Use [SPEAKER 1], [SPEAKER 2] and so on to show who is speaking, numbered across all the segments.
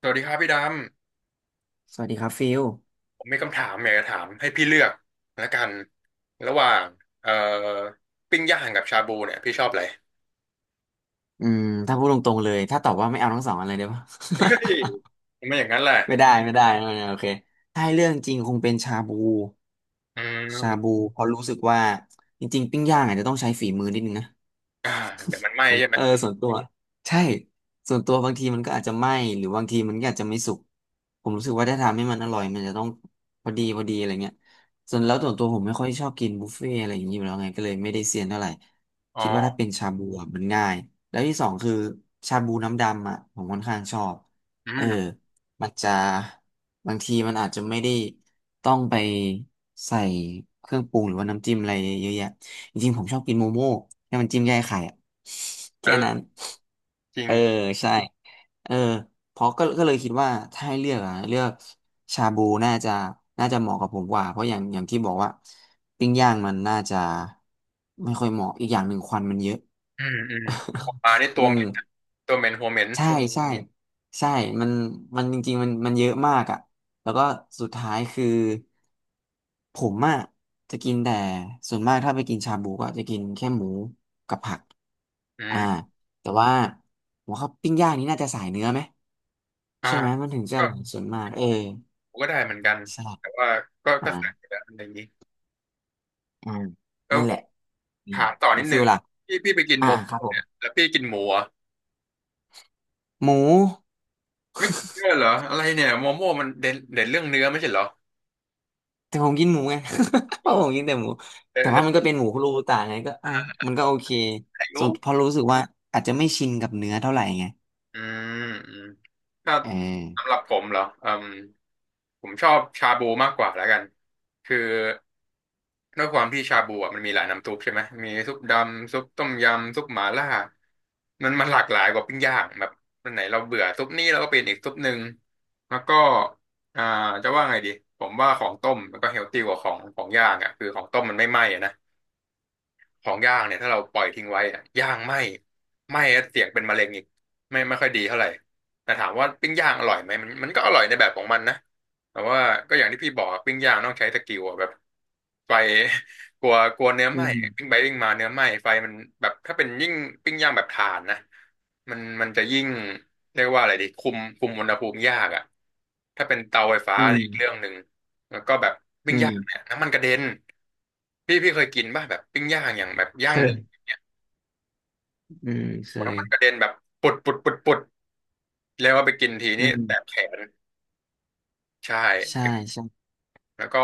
[SPEAKER 1] สวัสดีครับพี่ด
[SPEAKER 2] สวัสดีครับฟิล
[SPEAKER 1] ำ ผมมีคำถามอยากจะถามให้พี่เลือกละกันระหว่างเอ่อปิ้งย่างกับชาบูเนี่ยพี่ชอบอะไร
[SPEAKER 2] อืมถ้าพูดตรงๆเลยถ้าตอบว่าไม่เอาทั้งสองอันเลยได้ปะ
[SPEAKER 1] เฮ้ยทำ ไม่อย่างนั้นแหละ
[SPEAKER 2] ไม่ได้ไม่ได้ไม่ได้โอเคถ้าให้เรื่องจริงคงเป็นชาบู
[SPEAKER 1] อื
[SPEAKER 2] ชา
[SPEAKER 1] ม
[SPEAKER 2] บูเพราะรู้สึกว่าจริงๆปิ้งย่างอาจจะต้องใช้ฝีมือนิดนึงนะ
[SPEAKER 1] อ่าเดี๋ยวมันไหม้ใช่ไหม
[SPEAKER 2] เออส่วนตัวใช่ส่วนตัวบางทีมันก็อาจจะไหม้หรือบางทีมันก็อาจจะไม่สุกผมรู้สึกว่าถ้าทำให้มันอร่อยมันจะต้องพอดีพอดีอะไรเงี้ยส่วนแล้วส่วนตัวผมไม่ค่อยชอบกินบุฟเฟ่อะไรอย่างนี้อยู่แล้วไงก็เลยไม่ได้เซียนเท่าไหร่
[SPEAKER 1] อ๋อ
[SPEAKER 2] คิดว่าถ้าเป็นชาบูอะมันง่ายแล้วที่สองคือชาบูน้ำดำอ่ะผมค่อนข้างชอบ
[SPEAKER 1] อื
[SPEAKER 2] เออ
[SPEAKER 1] ม
[SPEAKER 2] มันจะบางทีมันอาจจะไม่ได้ต้องไปใส่เครื่องปรุงหรือว่าน้ำจิ้มอะไรเยอะแยะ จริงๆผมชอบกินโมโม่ให้มันจิ้มแยกไข่อะ
[SPEAKER 1] เอ
[SPEAKER 2] แค่นั้
[SPEAKER 1] อ
[SPEAKER 2] น
[SPEAKER 1] จริง
[SPEAKER 2] เออใช่เออเพราะก็เลยคิดว่าถ้าให้เลือกอะเลือกชาบูน่าจะน่าจะเหมาะกับผมกว่าเพราะอย่างที่บอกว่าปิ้งย่างมันน่าจะไม่ค่อยเหมาะอีกอย่างหนึ่งควันมันเยอะ
[SPEAKER 1] อืมอืมหัวปลานี่
[SPEAKER 2] อื
[SPEAKER 1] ตัวเหม็นนะ
[SPEAKER 2] ม
[SPEAKER 1] ตัวเหม็นหัวเหม็น
[SPEAKER 2] ใช่ใช่ใช่มันมันจริงๆมันมันเยอะมากอ่ะแล้วก็สุดท้ายคือผมอ่ะจะกินแต่ส่วนมากถ้าไปกินชาบูก็จะกินแค่หมูกับผัก
[SPEAKER 1] อื
[SPEAKER 2] อ่า
[SPEAKER 1] ม
[SPEAKER 2] แต่ว่าผมว่าปิ้งย่างนี้น่าจะสายเนื้อไหม
[SPEAKER 1] อ่า
[SPEAKER 2] ใช่ไหมมันถึงจะอ
[SPEAKER 1] ก็
[SPEAKER 2] ร่อยส่วนมากเออ
[SPEAKER 1] ผมก็ได้เหมือนกันแต่
[SPEAKER 2] ใช่
[SPEAKER 1] ว่าก็สั่งอยู่
[SPEAKER 2] อ่า
[SPEAKER 1] แล้วอะไรอย่างนี้
[SPEAKER 2] อ่า
[SPEAKER 1] แล้ว
[SPEAKER 2] นั่นแหละอืม
[SPEAKER 1] ถามต่อ
[SPEAKER 2] แล้
[SPEAKER 1] นิ
[SPEAKER 2] ว
[SPEAKER 1] ด
[SPEAKER 2] ฟิ
[SPEAKER 1] นึ
[SPEAKER 2] ล
[SPEAKER 1] ง
[SPEAKER 2] ล่ะ
[SPEAKER 1] พี่ไปกินห
[SPEAKER 2] อ่า
[SPEAKER 1] มู
[SPEAKER 2] ครับผม
[SPEAKER 1] เนี่ยแล้วพี่กินหมูเหรอ
[SPEAKER 2] หมู
[SPEAKER 1] ไม่เชื่อเหรออะไรเนี่ยโมโม่มันเด่นเด่นเรื่องเนื้อไม่ใช่เหรอ
[SPEAKER 2] แต่ผมกินหมูไง เพ
[SPEAKER 1] โอ้
[SPEAKER 2] ราะผมกินแต่หมู
[SPEAKER 1] เด่น
[SPEAKER 2] แต่ว่า
[SPEAKER 1] เด่
[SPEAKER 2] มันก็
[SPEAKER 1] น
[SPEAKER 2] เป็นหมูคุโรบุตะไงก็อ่ะมันก็โอเค
[SPEAKER 1] อา
[SPEAKER 2] ส่
[SPEAKER 1] ยุ
[SPEAKER 2] วนพอรู้สึกว่าอาจจะไม่ชินกับเนื้อเท่าไหร่ไง
[SPEAKER 1] อืมอืมถ้า
[SPEAKER 2] เออ
[SPEAKER 1] สำหรับผมเหรออืมผมชอบชาบูมากกว่าแล้วกันคือด้วยความที่ชาบูอ่ะมันมีหลายน้ำซุปใช่ไหมมีซุปดำซุปต้มยำซุปหม่าล่ามันหลากหลายกว่าปิ้งย่างแบบวันไหนเราเบื่อซุปนี้เราก็เปลี่ยนอีกซุปหนึ่งแล้วก็อ่าจะว่าไงดีผมว่าของต้มมันก็เฮลตี้กว่าของย่างอ่ะคือของต้มมันไม่ไหม้อะนะ ของย่างเนี่ยถ้าเราปล่อยทิ้งไว้อะย่างไหม้ไหม้แล้วเสี่ยงเป็นมะเร็งอีกไม่ค่อยดีเท่าไหร่แต่ถามว่าปิ้งย่างอร่อยไหมมันก็อร่อยในแบบของมันนะแต่ว่าก็อย่างที่พี่บอกอะปิ้งย่างต้องใช้สกิลอะแบบไฟ กลัวกลัวเนื้อ
[SPEAKER 2] อื
[SPEAKER 1] ไหม้
[SPEAKER 2] ม
[SPEAKER 1] ปิ้งไปปิ้งมาเนื้อไหม้ไฟมันแบบถ้าเป็นยิ่งปิ้งย่างแบบถ่านนะมันจะยิ่งเรียกว่าอะไรดีคุมคุมอุณหภูมิยากอะถ้าเป็นเตาไฟฟ้า
[SPEAKER 2] อื
[SPEAKER 1] นี่อีกเรื่อง
[SPEAKER 2] ม
[SPEAKER 1] หนึ่งแล้วก็แบบปิ้
[SPEAKER 2] อื
[SPEAKER 1] งย่าง
[SPEAKER 2] ม
[SPEAKER 1] น้ำมันกระเด็นพี่เคยกินป่ะแบบปิ้งย่างอย่างแบบ
[SPEAKER 2] เค
[SPEAKER 1] ย่าง
[SPEAKER 2] ย
[SPEAKER 1] หนึ่ง
[SPEAKER 2] อืมเค
[SPEAKER 1] โอ้
[SPEAKER 2] ย
[SPEAKER 1] น้ำมันกระเด็นแบบปุดปุดปุดปุดแล้วเอาไปกินที
[SPEAKER 2] อื
[SPEAKER 1] นี่แสบ
[SPEAKER 2] ม
[SPEAKER 1] แขนใช่
[SPEAKER 2] ใช่ ใช่
[SPEAKER 1] แล้วก็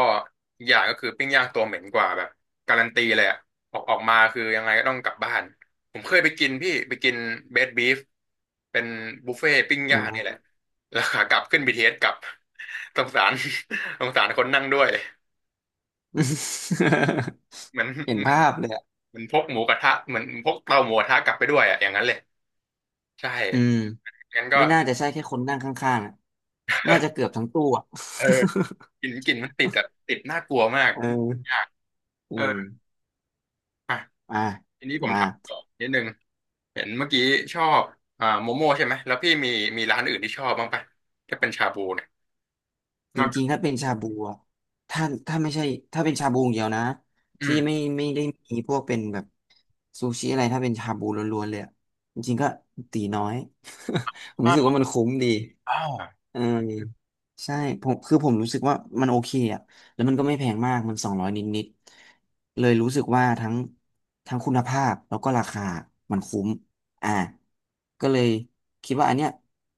[SPEAKER 1] อีกอย่างก็คือปิ้งย่างตัวเหม็นกว่าแบบการันตีเลยอะออกมาคือยังไงก็ต้องกลับบ้านผมเคยไปกินพี่ไปกินเบสบีฟเป็นบุฟเฟ่ต์ปิ้งย่า
[SPEAKER 2] อ่า
[SPEAKER 1] งนี่แหละแล้วขากลับขึ้นเทเอสกลับสงสาร สงสารคนนั่งด้วย เหมือน
[SPEAKER 2] เห็น
[SPEAKER 1] เหมือน
[SPEAKER 2] ภาพเลยอ่ะ
[SPEAKER 1] เหมือนพกหมูกระทะเหมือนพกเตาหมูกระทะกลับไปด้วยอะอย่างนั้นเลยใช่
[SPEAKER 2] อืม
[SPEAKER 1] งั้นก็
[SPEAKER 2] ไม่น่าจะใช่แค่คนนั่งข้างๆอะน่าจะเกือบทั้งตู้อ่ะ
[SPEAKER 1] เออกลิ่นมันติดอะติดน่ากลัวมาก
[SPEAKER 2] เออ
[SPEAKER 1] ยาก
[SPEAKER 2] อื
[SPEAKER 1] เออ
[SPEAKER 2] ม
[SPEAKER 1] อ่ะ
[SPEAKER 2] อ่ะ
[SPEAKER 1] ทีนี้ผม
[SPEAKER 2] มา
[SPEAKER 1] ถามต่อนิดนึงเห็นเมื่อกี้ชอบโมโม่ใช่ไหมแล้วพี่มีมีร้านอื่นที่ชอบบ้างปะถ้าเป็นชาบูเนี่ย
[SPEAKER 2] จ
[SPEAKER 1] นอกจา
[SPEAKER 2] ริ
[SPEAKER 1] ก
[SPEAKER 2] งๆถ้าเป็นชาบูอะถ้าถ้าไม่ใช่ถ้าเป็นชาบูอย่างเดียวนะ
[SPEAKER 1] อื
[SPEAKER 2] ที่
[SPEAKER 1] ม
[SPEAKER 2] ไม่ไม่ได้มีพวกเป็นแบบซูชิอะไรถ้าเป็นชาบูล้วนๆเลยอะจริงๆก็ตีน้อย ผมรู้สึก
[SPEAKER 1] อ่า
[SPEAKER 2] ว่ามันคุ้มดี
[SPEAKER 1] อา
[SPEAKER 2] เออใช่ผมคือผมรู้สึกว่ามันโอเคอ่ะแล้วมันก็ไม่แพงมากมัน200นิดๆเลยรู้สึกว่าทั้งคุณภาพแล้วก็ราคามันคุ้มอ่าก็เลยคิดว่าอันเนี้ย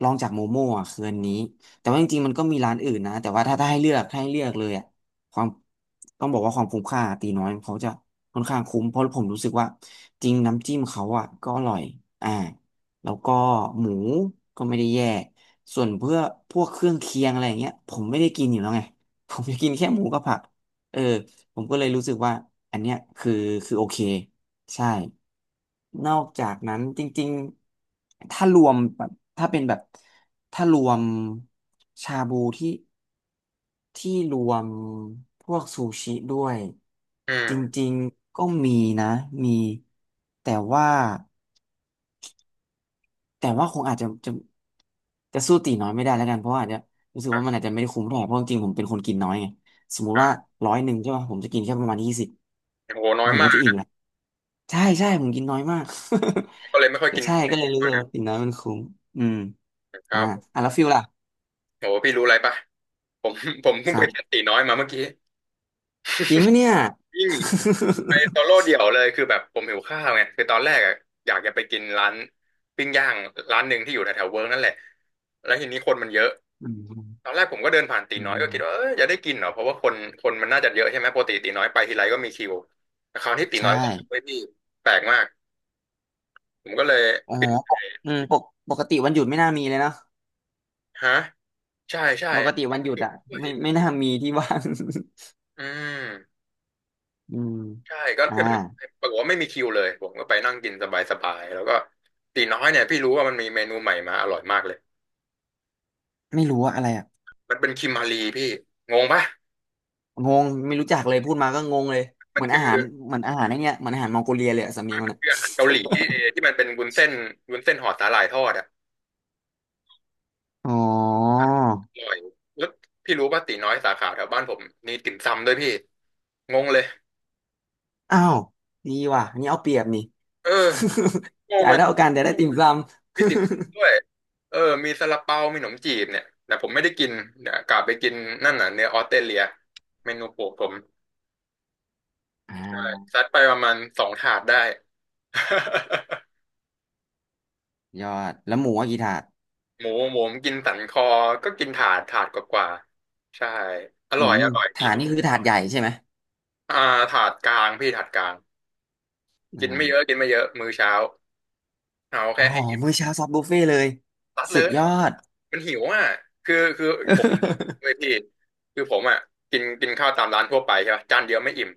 [SPEAKER 2] ลองจากโมโม่อ่ะคืออันนี้ แต่ว่าจริงๆมันก็มีร้านอื่นนะแต่ว่าถ้าให้เลือกถ้าให้เลือกเลยอ่ะความต้องบอกว่าความคุ้มค่าตีน้อยเขาจะค่อนข้างคุ้มเพราะผมรู้สึกว่าจริงน้ำจิ้มเขาอ่ะก็อร่อยอ่าแล้วก็หมูก็ไม่ได้แย่ส่วนเพื่อพวกเครื่องเคียงอะไรอย่างเงี้ยผมไม่ได้กินอยู่แล้วไง ผมจะกินแค่หมูกับผักเออผมก็เลยรู้สึกว่าอันเนี้ยคือคือโอเค ใช่ นอกจากนั้นจริงๆ ถ้ารวมแบบถ้าเป็นแบบถ้ารวมชาบูที่ที่รวมพวกซูชิด้วย
[SPEAKER 1] อื
[SPEAKER 2] จ
[SPEAKER 1] ม
[SPEAKER 2] ริงๆ ก็มีนะมีแต่ว่าแต่ว่าคงอาจจะจะสู้ตีน้อยไม่ได้แล้วกันเพราะว่าอาจจะรู้สึก
[SPEAKER 1] อ่ะ
[SPEAKER 2] ว่ามันอาจจะไม่ได้คุ้มเท่าไหร่เพราะจริงๆผมเป็นคนกินน้อยไงสมมุติว่าร้อยหนึ่งใช่ป่ะผมจะกินแค่ประมาณ20
[SPEAKER 1] โหน้อย
[SPEAKER 2] ผม
[SPEAKER 1] มา
[SPEAKER 2] ก็จะอิ่ม
[SPEAKER 1] ก
[SPEAKER 2] ละ ใช่ใช่ผมกินน้อยมาก
[SPEAKER 1] ก็เลยไม่ค่ อย
[SPEAKER 2] ก็
[SPEAKER 1] กิน
[SPEAKER 2] ใช่ก็เลยรู้สึกว่ากินน้อยมันคุ้มอืม
[SPEAKER 1] ค
[SPEAKER 2] อ่า
[SPEAKER 1] รับ
[SPEAKER 2] อ่ะแล้วฟิลล่ะ
[SPEAKER 1] โหพี่รู้อะไรปะผมผมเพิ่
[SPEAKER 2] ค
[SPEAKER 1] งไป
[SPEAKER 2] รั
[SPEAKER 1] แคส
[SPEAKER 2] บ
[SPEAKER 1] ตีน้อยมาเมื่อกี้
[SPEAKER 2] จริงปะเนี่ย
[SPEAKER 1] ยิ่ง ไปโซโล่ เดี่ยวเลยคือแบบผมหิวข้าวไงคือตอนแรกอะอยากจะไปกินร้านปิ้งย่างร้านหนึ่งที่อยู่แถวๆเวิร์กนั่นแหละแล้วทีนี้คนมันเยอะ
[SPEAKER 2] อืม
[SPEAKER 1] ตอนแรกผมก็เดินผ่านตี
[SPEAKER 2] อื
[SPEAKER 1] น้อย
[SPEAKER 2] ม
[SPEAKER 1] ก็คิดว่าเออจะได้กินเหรอเพราะว่าคนมันน่าจะเยอะใช่ไหมปกติตีน้อยไปทีไรก็มีคิวแต่คราวที่ตี
[SPEAKER 2] ใช่
[SPEAKER 1] น้อยก็ไม่มีแปลกมากผมก็เลย
[SPEAKER 2] อ๋อ
[SPEAKER 1] ปิด
[SPEAKER 2] ปกอืมปกปกติวันหยุดไม่น่ามีเลยเนาะ
[SPEAKER 1] ฮะใช่ใช่
[SPEAKER 2] ปกติวันหยุด
[SPEAKER 1] ปิด
[SPEAKER 2] อ่ะ
[SPEAKER 1] ด้วย
[SPEAKER 2] ไม่ไม่น่ามีที่ว่าง
[SPEAKER 1] อืม
[SPEAKER 2] อืม
[SPEAKER 1] ใช่ก็
[SPEAKER 2] อ่า
[SPEAKER 1] ก็เดินปรากฏว่าไม่มีคิวเลยผมก็ไปนั่งกินสบายๆแล้วก็ตีน้อยเนี่ยพี่รู้ว่ามันมีเมนูใหม่มาอร่อยมากเลย
[SPEAKER 2] ไม่รู้ว่าอะไรอ่ะ
[SPEAKER 1] มันเป็นคิมมารีพี่งงปะ
[SPEAKER 2] งงไม่รู้จักเลยพูดมาก็งงเลย
[SPEAKER 1] มั
[SPEAKER 2] เห
[SPEAKER 1] น
[SPEAKER 2] มือน
[SPEAKER 1] คื
[SPEAKER 2] อา
[SPEAKER 1] อ
[SPEAKER 2] หารเหมือนอาหารไอ้เนี่ยเหมือนอาหารมองโกเลียเลยอะสำเนียงมันอ่ะ
[SPEAKER 1] คืออาหารเกาหลีที่เอที่มันเป็นวุ้นเส้นวุ้นเส้นห่อสาหร่ายทอดอะ
[SPEAKER 2] อ๋อ
[SPEAKER 1] อร่อยแล้วพี่รู้ป่ะตีน้อยสาขาแถวบ้านผมมีติ่มซำด้วยพี่งงเลย
[SPEAKER 2] อ้าวดีว่ะอันนี่เอาเปรียบนี่
[SPEAKER 1] เออง ง
[SPEAKER 2] จ่าย
[SPEAKER 1] เลย
[SPEAKER 2] เท่ากันแต่ได้ติ่มซำ
[SPEAKER 1] มีติ่มซำด้วยเออมีซาลาเปามีขนมจีบเนี่ยแต่ผมไม่ได้กินเดี๋ยวกลับไปกินนั่นน่ะเนื้อออสเตรเลียเมนูโปรดผม
[SPEAKER 2] อ่า
[SPEAKER 1] ซัดไปประมาณ2 ถาดได้
[SPEAKER 2] ยอดแล้วหมูว่ากี่ถาด
[SPEAKER 1] หมูหมูผมกินสันคอก็กินถาดถาดกว่าๆใช่อ
[SPEAKER 2] อื
[SPEAKER 1] ร่อย
[SPEAKER 2] ม
[SPEAKER 1] อร่อยดี
[SPEAKER 2] ถาดนี่คือถาดใหญ่ใช่ไหม
[SPEAKER 1] อ่าถาดกลางพี่ถาดกลางกินไม่เยอะ
[SPEAKER 2] อ่า
[SPEAKER 1] กินไม่เยอะมื้อเช้าเอา
[SPEAKER 2] อ๋
[SPEAKER 1] แค่
[SPEAKER 2] อ
[SPEAKER 1] ให้อิ่ม
[SPEAKER 2] มื้อเช้าซอฟต์บุฟเฟ่ต์เลย
[SPEAKER 1] ตัดเล
[SPEAKER 2] สุด
[SPEAKER 1] ย
[SPEAKER 2] ยอด
[SPEAKER 1] มันหิวอ่ะคือคือผมเลย พี่คือผมอ่ะกินกินข้าวตามร้านทั่วไปใช่ป่ะจานเดียวไม่อิ่ม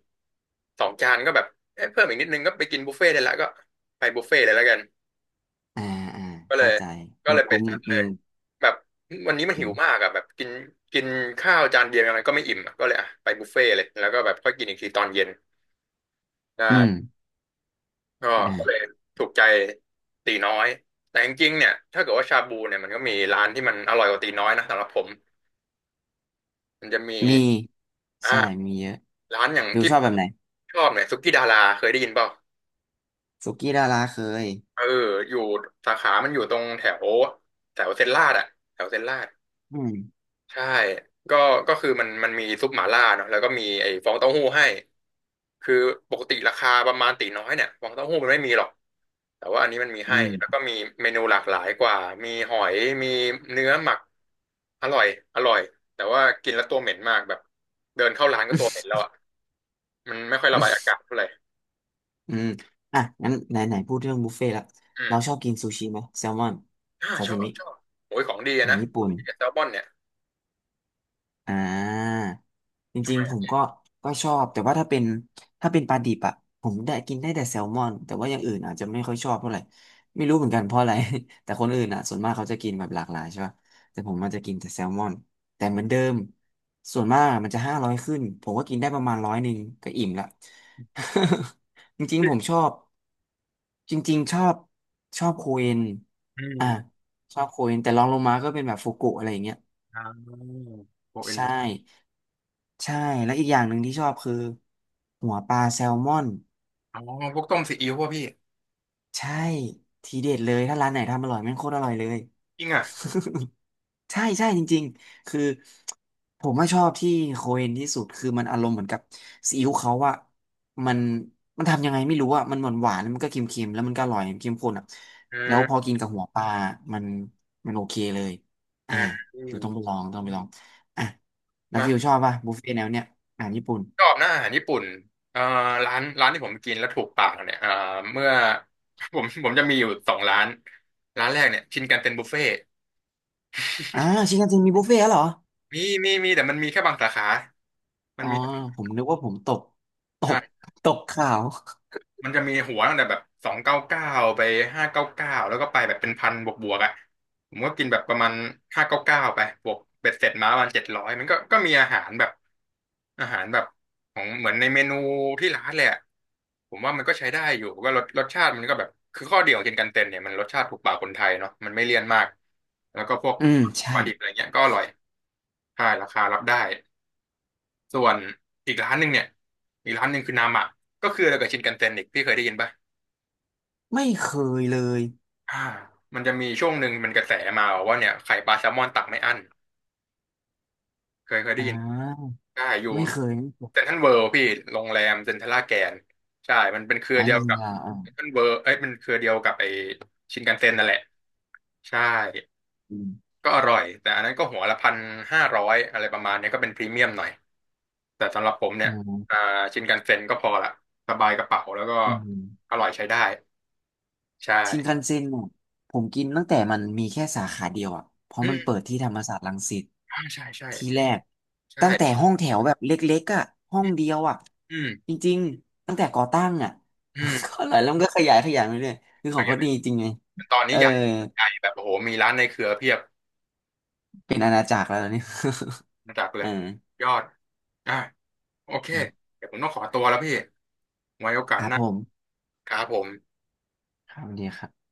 [SPEAKER 1] สองจานก็แบบเอ๊ะเพิ่มอีกนิดนึงก็ไปกินบุฟเฟ่ต์ได้ละก็ไปบุฟเฟ่ต์เลยแล้วกัน
[SPEAKER 2] อ่าอ่า
[SPEAKER 1] ก็เล
[SPEAKER 2] เข้า
[SPEAKER 1] ย
[SPEAKER 2] ใจ
[SPEAKER 1] ก็
[SPEAKER 2] มู
[SPEAKER 1] เล
[SPEAKER 2] ก
[SPEAKER 1] ยไป
[SPEAKER 2] ตุ้ม
[SPEAKER 1] ซัด
[SPEAKER 2] อื
[SPEAKER 1] เลย
[SPEAKER 2] ม
[SPEAKER 1] แบบวันนี้มัน
[SPEAKER 2] อื
[SPEAKER 1] หิว
[SPEAKER 2] ม
[SPEAKER 1] มากอ่ะแบบกินกินข้าวจานเดียวยังไงก็ไม่อิ่มอะก็เลยอ่ะไปบุฟเฟ่ต์เลยแล้วก็แบบค่อยกินอีกทีตอนเย็นไ
[SPEAKER 2] อืม
[SPEAKER 1] ด้ ก็ก็เลย
[SPEAKER 2] อ่า
[SPEAKER 1] ถูกใจตีน้อยแต่จริงๆเนี่ยถ้าเกิดว่าชาบูเนี่ยมันก็มีร้านที่มันอร่อยกว่าตีน้อยนะสำหรับผมมันจะมี
[SPEAKER 2] มีใช่
[SPEAKER 1] อ่า
[SPEAKER 2] มีเยอะ
[SPEAKER 1] ร้านอย่าง
[SPEAKER 2] ดู
[SPEAKER 1] ที่
[SPEAKER 2] ชอบแบบไหน
[SPEAKER 1] ชอบเนี่ยสุกี้ดาราเคยได้ยินเปล่า
[SPEAKER 2] สุกี้ดาราเคย
[SPEAKER 1] เอออยู่สาขามันอยู่ตรงแถวแถวเซนลาดอะแถวเซ็นลาด
[SPEAKER 2] อืม
[SPEAKER 1] ใช่ก็ก็คือมันมีซุปหม่าล่าเนาะแล้วก็มีไอ้ฟองเต้าหู้ให้คือปกติราคาประมาณตีน้อยเนี่ยฟองเต้าหู้มันไม่มีหรอกแต่ว่าอันนี้มันมี
[SPEAKER 2] อื
[SPEAKER 1] ให้แล้วก็
[SPEAKER 2] ม
[SPEAKER 1] มีเมนูหลากหลายกว่ามีหอยมีเนื้อหมักอร่อยอร่อยแต่ว่ากินแล้วตัวเหม็นมากแบบเดินเข้าร้านก็ตัวเหม็นแล้วอ่ะมันไม่ค่อยระบายอากาศเท่าไหร่
[SPEAKER 2] อืมอ่ะงั้นไหนไหนพูดเรื่องบุฟเฟ่ต์ละ
[SPEAKER 1] อื
[SPEAKER 2] เราชอ
[SPEAKER 1] ม
[SPEAKER 2] บกินซูชิไหมแซลมอน
[SPEAKER 1] อ่า
[SPEAKER 2] ซา
[SPEAKER 1] ชอ
[SPEAKER 2] ซิ
[SPEAKER 1] บ
[SPEAKER 2] มิ
[SPEAKER 1] ชอบโอ้ยของดี
[SPEAKER 2] อา
[SPEAKER 1] อะ
[SPEAKER 2] หา
[SPEAKER 1] นะ
[SPEAKER 2] รญี่ปุ่น
[SPEAKER 1] แซลมอนเนี่ย
[SPEAKER 2] อ่าจ
[SPEAKER 1] ทำ
[SPEAKER 2] ริ
[SPEAKER 1] ไม
[SPEAKER 2] งๆผม
[SPEAKER 1] อะ
[SPEAKER 2] ก็ก็ชอบแต่ว่าถ้าเป็นถ้าเป็นปลาดิบอะผมได้กินได้แต่แซลมอนแต่ว่าอย่างอื่นอาจจะไม่ค่อยชอบเท่าไหร่ไม่รู้เหมือนกันเพราะอะไร แต่คนอื่นอะส่วนมากเขาจะกินแบบหลากหลายใช่ป่ะแต่ผมมันจะกินแต่แซลมอนแต่เหมือนเดิมส่วนมากมันจะ500ขึ้นผมก็กินได้ประมาณร้อยหนึ่งก็อิ่มละ จริงๆผมชอบจริงๆชอบชอบโคเอน
[SPEAKER 1] อื
[SPEAKER 2] อ่า
[SPEAKER 1] ม
[SPEAKER 2] ชอบโคเอนแต่รองลงมาก็เป็นแบบฟูกุอะไรอย่างเงี้ย
[SPEAKER 1] อ่าโบเอ็น
[SPEAKER 2] ใช่
[SPEAKER 1] แบบ
[SPEAKER 2] ใช่แล้วอีกอย่างหนึ่งที่ชอบคือหัวปลาแซลมอน
[SPEAKER 1] อ๋อพวกต้มซีอิ๊วป่ะพี่
[SPEAKER 2] ใช่ทีเด็ดเลยถ้าร้านไหนทำอร่อยแม่งโคตรอร่อยเลย
[SPEAKER 1] จริงอ่ะ
[SPEAKER 2] ใช่ใช่จริงๆคือผมว่าชอบที่โคเอนที่สุดคือมันอารมณ์เหมือนกับซีอิ๊วเขาอะมันมันทำยังไงไม่รู้อะมันหวานหวานมันก็เค็มๆแล้วมันก็อร่อยเค็มข้นอะ
[SPEAKER 1] อื
[SPEAKER 2] แล้วพอ
[SPEAKER 1] ม
[SPEAKER 2] กินกับหัวปลามันมันโอเคเลย
[SPEAKER 1] อื
[SPEAKER 2] อ่า
[SPEAKER 1] มอื
[SPEAKER 2] ฟิ
[SPEAKER 1] ม
[SPEAKER 2] วต้องไปลองต้องไปลองอ่ะแล้วฟิว
[SPEAKER 1] นะ
[SPEAKER 2] ชอบป่ะบุฟเฟ่ต์แนวเนี้ยอาหารญี่ปุ่น
[SPEAKER 1] ชอบนะอาหารญี่ปุ่นเอ่อร้านที่ผมกินแล้วถูกปากเนี่ยเมื่อ ผมจะมีอยู่สองร้านร้านแรกเนี่ยชินกันเซ็นบุฟเฟ่
[SPEAKER 2] อ่าชินคันเซ็นมีบุฟเฟ่ต์แล้วเหรอ
[SPEAKER 1] มีมีมีแต่มันมีแค่บางสาขามัน
[SPEAKER 2] อ๋อ
[SPEAKER 1] มี
[SPEAKER 2] ผมนึกว่าผมตกตก
[SPEAKER 1] ใช่
[SPEAKER 2] ตกข่าว
[SPEAKER 1] มันจะมีหัวตั้งแต่แบบ299ไปห้าเก้าเก้าแล้วก็ไปแบบเป็นพันบวกอ่ะผมก็กินแบบประมาณห้าเก้าเก้าไปบวกเบ็ดเสร็จมาประมาณ700มันก็ก็มีอาหารแบบอาหารแบบของเหมือนในเมนูที่ร้านแหลยอะผมว่ามันก็ใช้ได้อยู่ก็รสชาติมันก็แบบคือข้อดีของกินกันเต็นเนี่ยมันรสชาติถูกปากคนไทยเนาะมันไม่เลี่ยนมากแล้วก็พวก
[SPEAKER 2] อืมใช่
[SPEAKER 1] ปลาดิบอะไรเงี้ยก็อร่อยใช่ราคารับได้ส่วนอีกร้านหนึ่งเนี่ยอีกร้านหนึ่งคือนามะก็คืออะไรกับชินกันเต็นอีกพี่เคยได้ยินปะ
[SPEAKER 2] ไม่เคยเลย
[SPEAKER 1] อ่ามันจะมีช่วงหนึ่งมันกระแสมาว่าเนี่ยไข่ปลาแซลมอนตักไม่อั้นเคยได้
[SPEAKER 2] อ่
[SPEAKER 1] ยิน
[SPEAKER 2] า
[SPEAKER 1] ใช่อยู่
[SPEAKER 2] ไม่เคยไม่เค
[SPEAKER 1] เซ็น
[SPEAKER 2] ย
[SPEAKER 1] ทรัลเวิลด์พี่โรงแรมเซ็นทรัลลาดแกนใช่มันเป็นเครือ
[SPEAKER 2] อ่า
[SPEAKER 1] เดียว
[SPEAKER 2] ยิน
[SPEAKER 1] กับ
[SPEAKER 2] เยอ่า
[SPEAKER 1] เซ็นทรัลเวิลด์เอ้ยมันเครือเดียวกับไอชินคันเซ็นนั่นแหละใช่
[SPEAKER 2] อืม
[SPEAKER 1] ก็อร่อยแต่อันนั้นก็หัวละ1,500อะไรประมาณเนี้ยก็เป็นพรีเมียมหน่อยแต่สำหรับผมเนี่
[SPEAKER 2] อ่
[SPEAKER 1] ยอ่า
[SPEAKER 2] า
[SPEAKER 1] ชินคันเซ็นก็พอละสบายกระเป๋าแล้วก็
[SPEAKER 2] อื
[SPEAKER 1] อ
[SPEAKER 2] ม
[SPEAKER 1] ร่อยใช้ได้ใช่
[SPEAKER 2] ชินคันเซ็นเนี่ยผมกินตั้งแต่มันมีแค่สาขาเดียวอ่ะเพราะ
[SPEAKER 1] อื
[SPEAKER 2] มันเปิ
[SPEAKER 1] ม
[SPEAKER 2] ดที่ธรรมศาสตร์รังสิต
[SPEAKER 1] อ่าใช่ใช่
[SPEAKER 2] ที่แรก
[SPEAKER 1] ใช่
[SPEAKER 2] ตั้งแต่ห้องแถวแบบเล็กๆอ่ะห้อ
[SPEAKER 1] อื
[SPEAKER 2] ง
[SPEAKER 1] ม
[SPEAKER 2] เดียวอ่ะ
[SPEAKER 1] อืม
[SPEAKER 2] จริงๆตั้งแต่ก่อตั้งอ่ะ
[SPEAKER 1] อืม
[SPEAKER 2] ก็หลายแล้วมันก็ขยายขยายไปเรื่อยคือของเขาดีจริงไง
[SPEAKER 1] ตอน
[SPEAKER 2] เอ
[SPEAKER 1] นี้
[SPEAKER 2] อ
[SPEAKER 1] ใหญ่ใหญ่แบบโอ้โหมีร้านในเครือเพียบ
[SPEAKER 2] เป็นอาณาจักรแล้วเนี่ย
[SPEAKER 1] ระดับ เล
[SPEAKER 2] อ
[SPEAKER 1] ยยอดอ่ะโอเค
[SPEAKER 2] ่า
[SPEAKER 1] เดี๋ยวผมต้องขอตัวแล้วพี่ไว้โอกา
[SPEAKER 2] ค
[SPEAKER 1] ส
[SPEAKER 2] รั
[SPEAKER 1] ห
[SPEAKER 2] บ
[SPEAKER 1] น้า
[SPEAKER 2] ผม
[SPEAKER 1] ครับผม
[SPEAKER 2] ครับสวัสดีครับ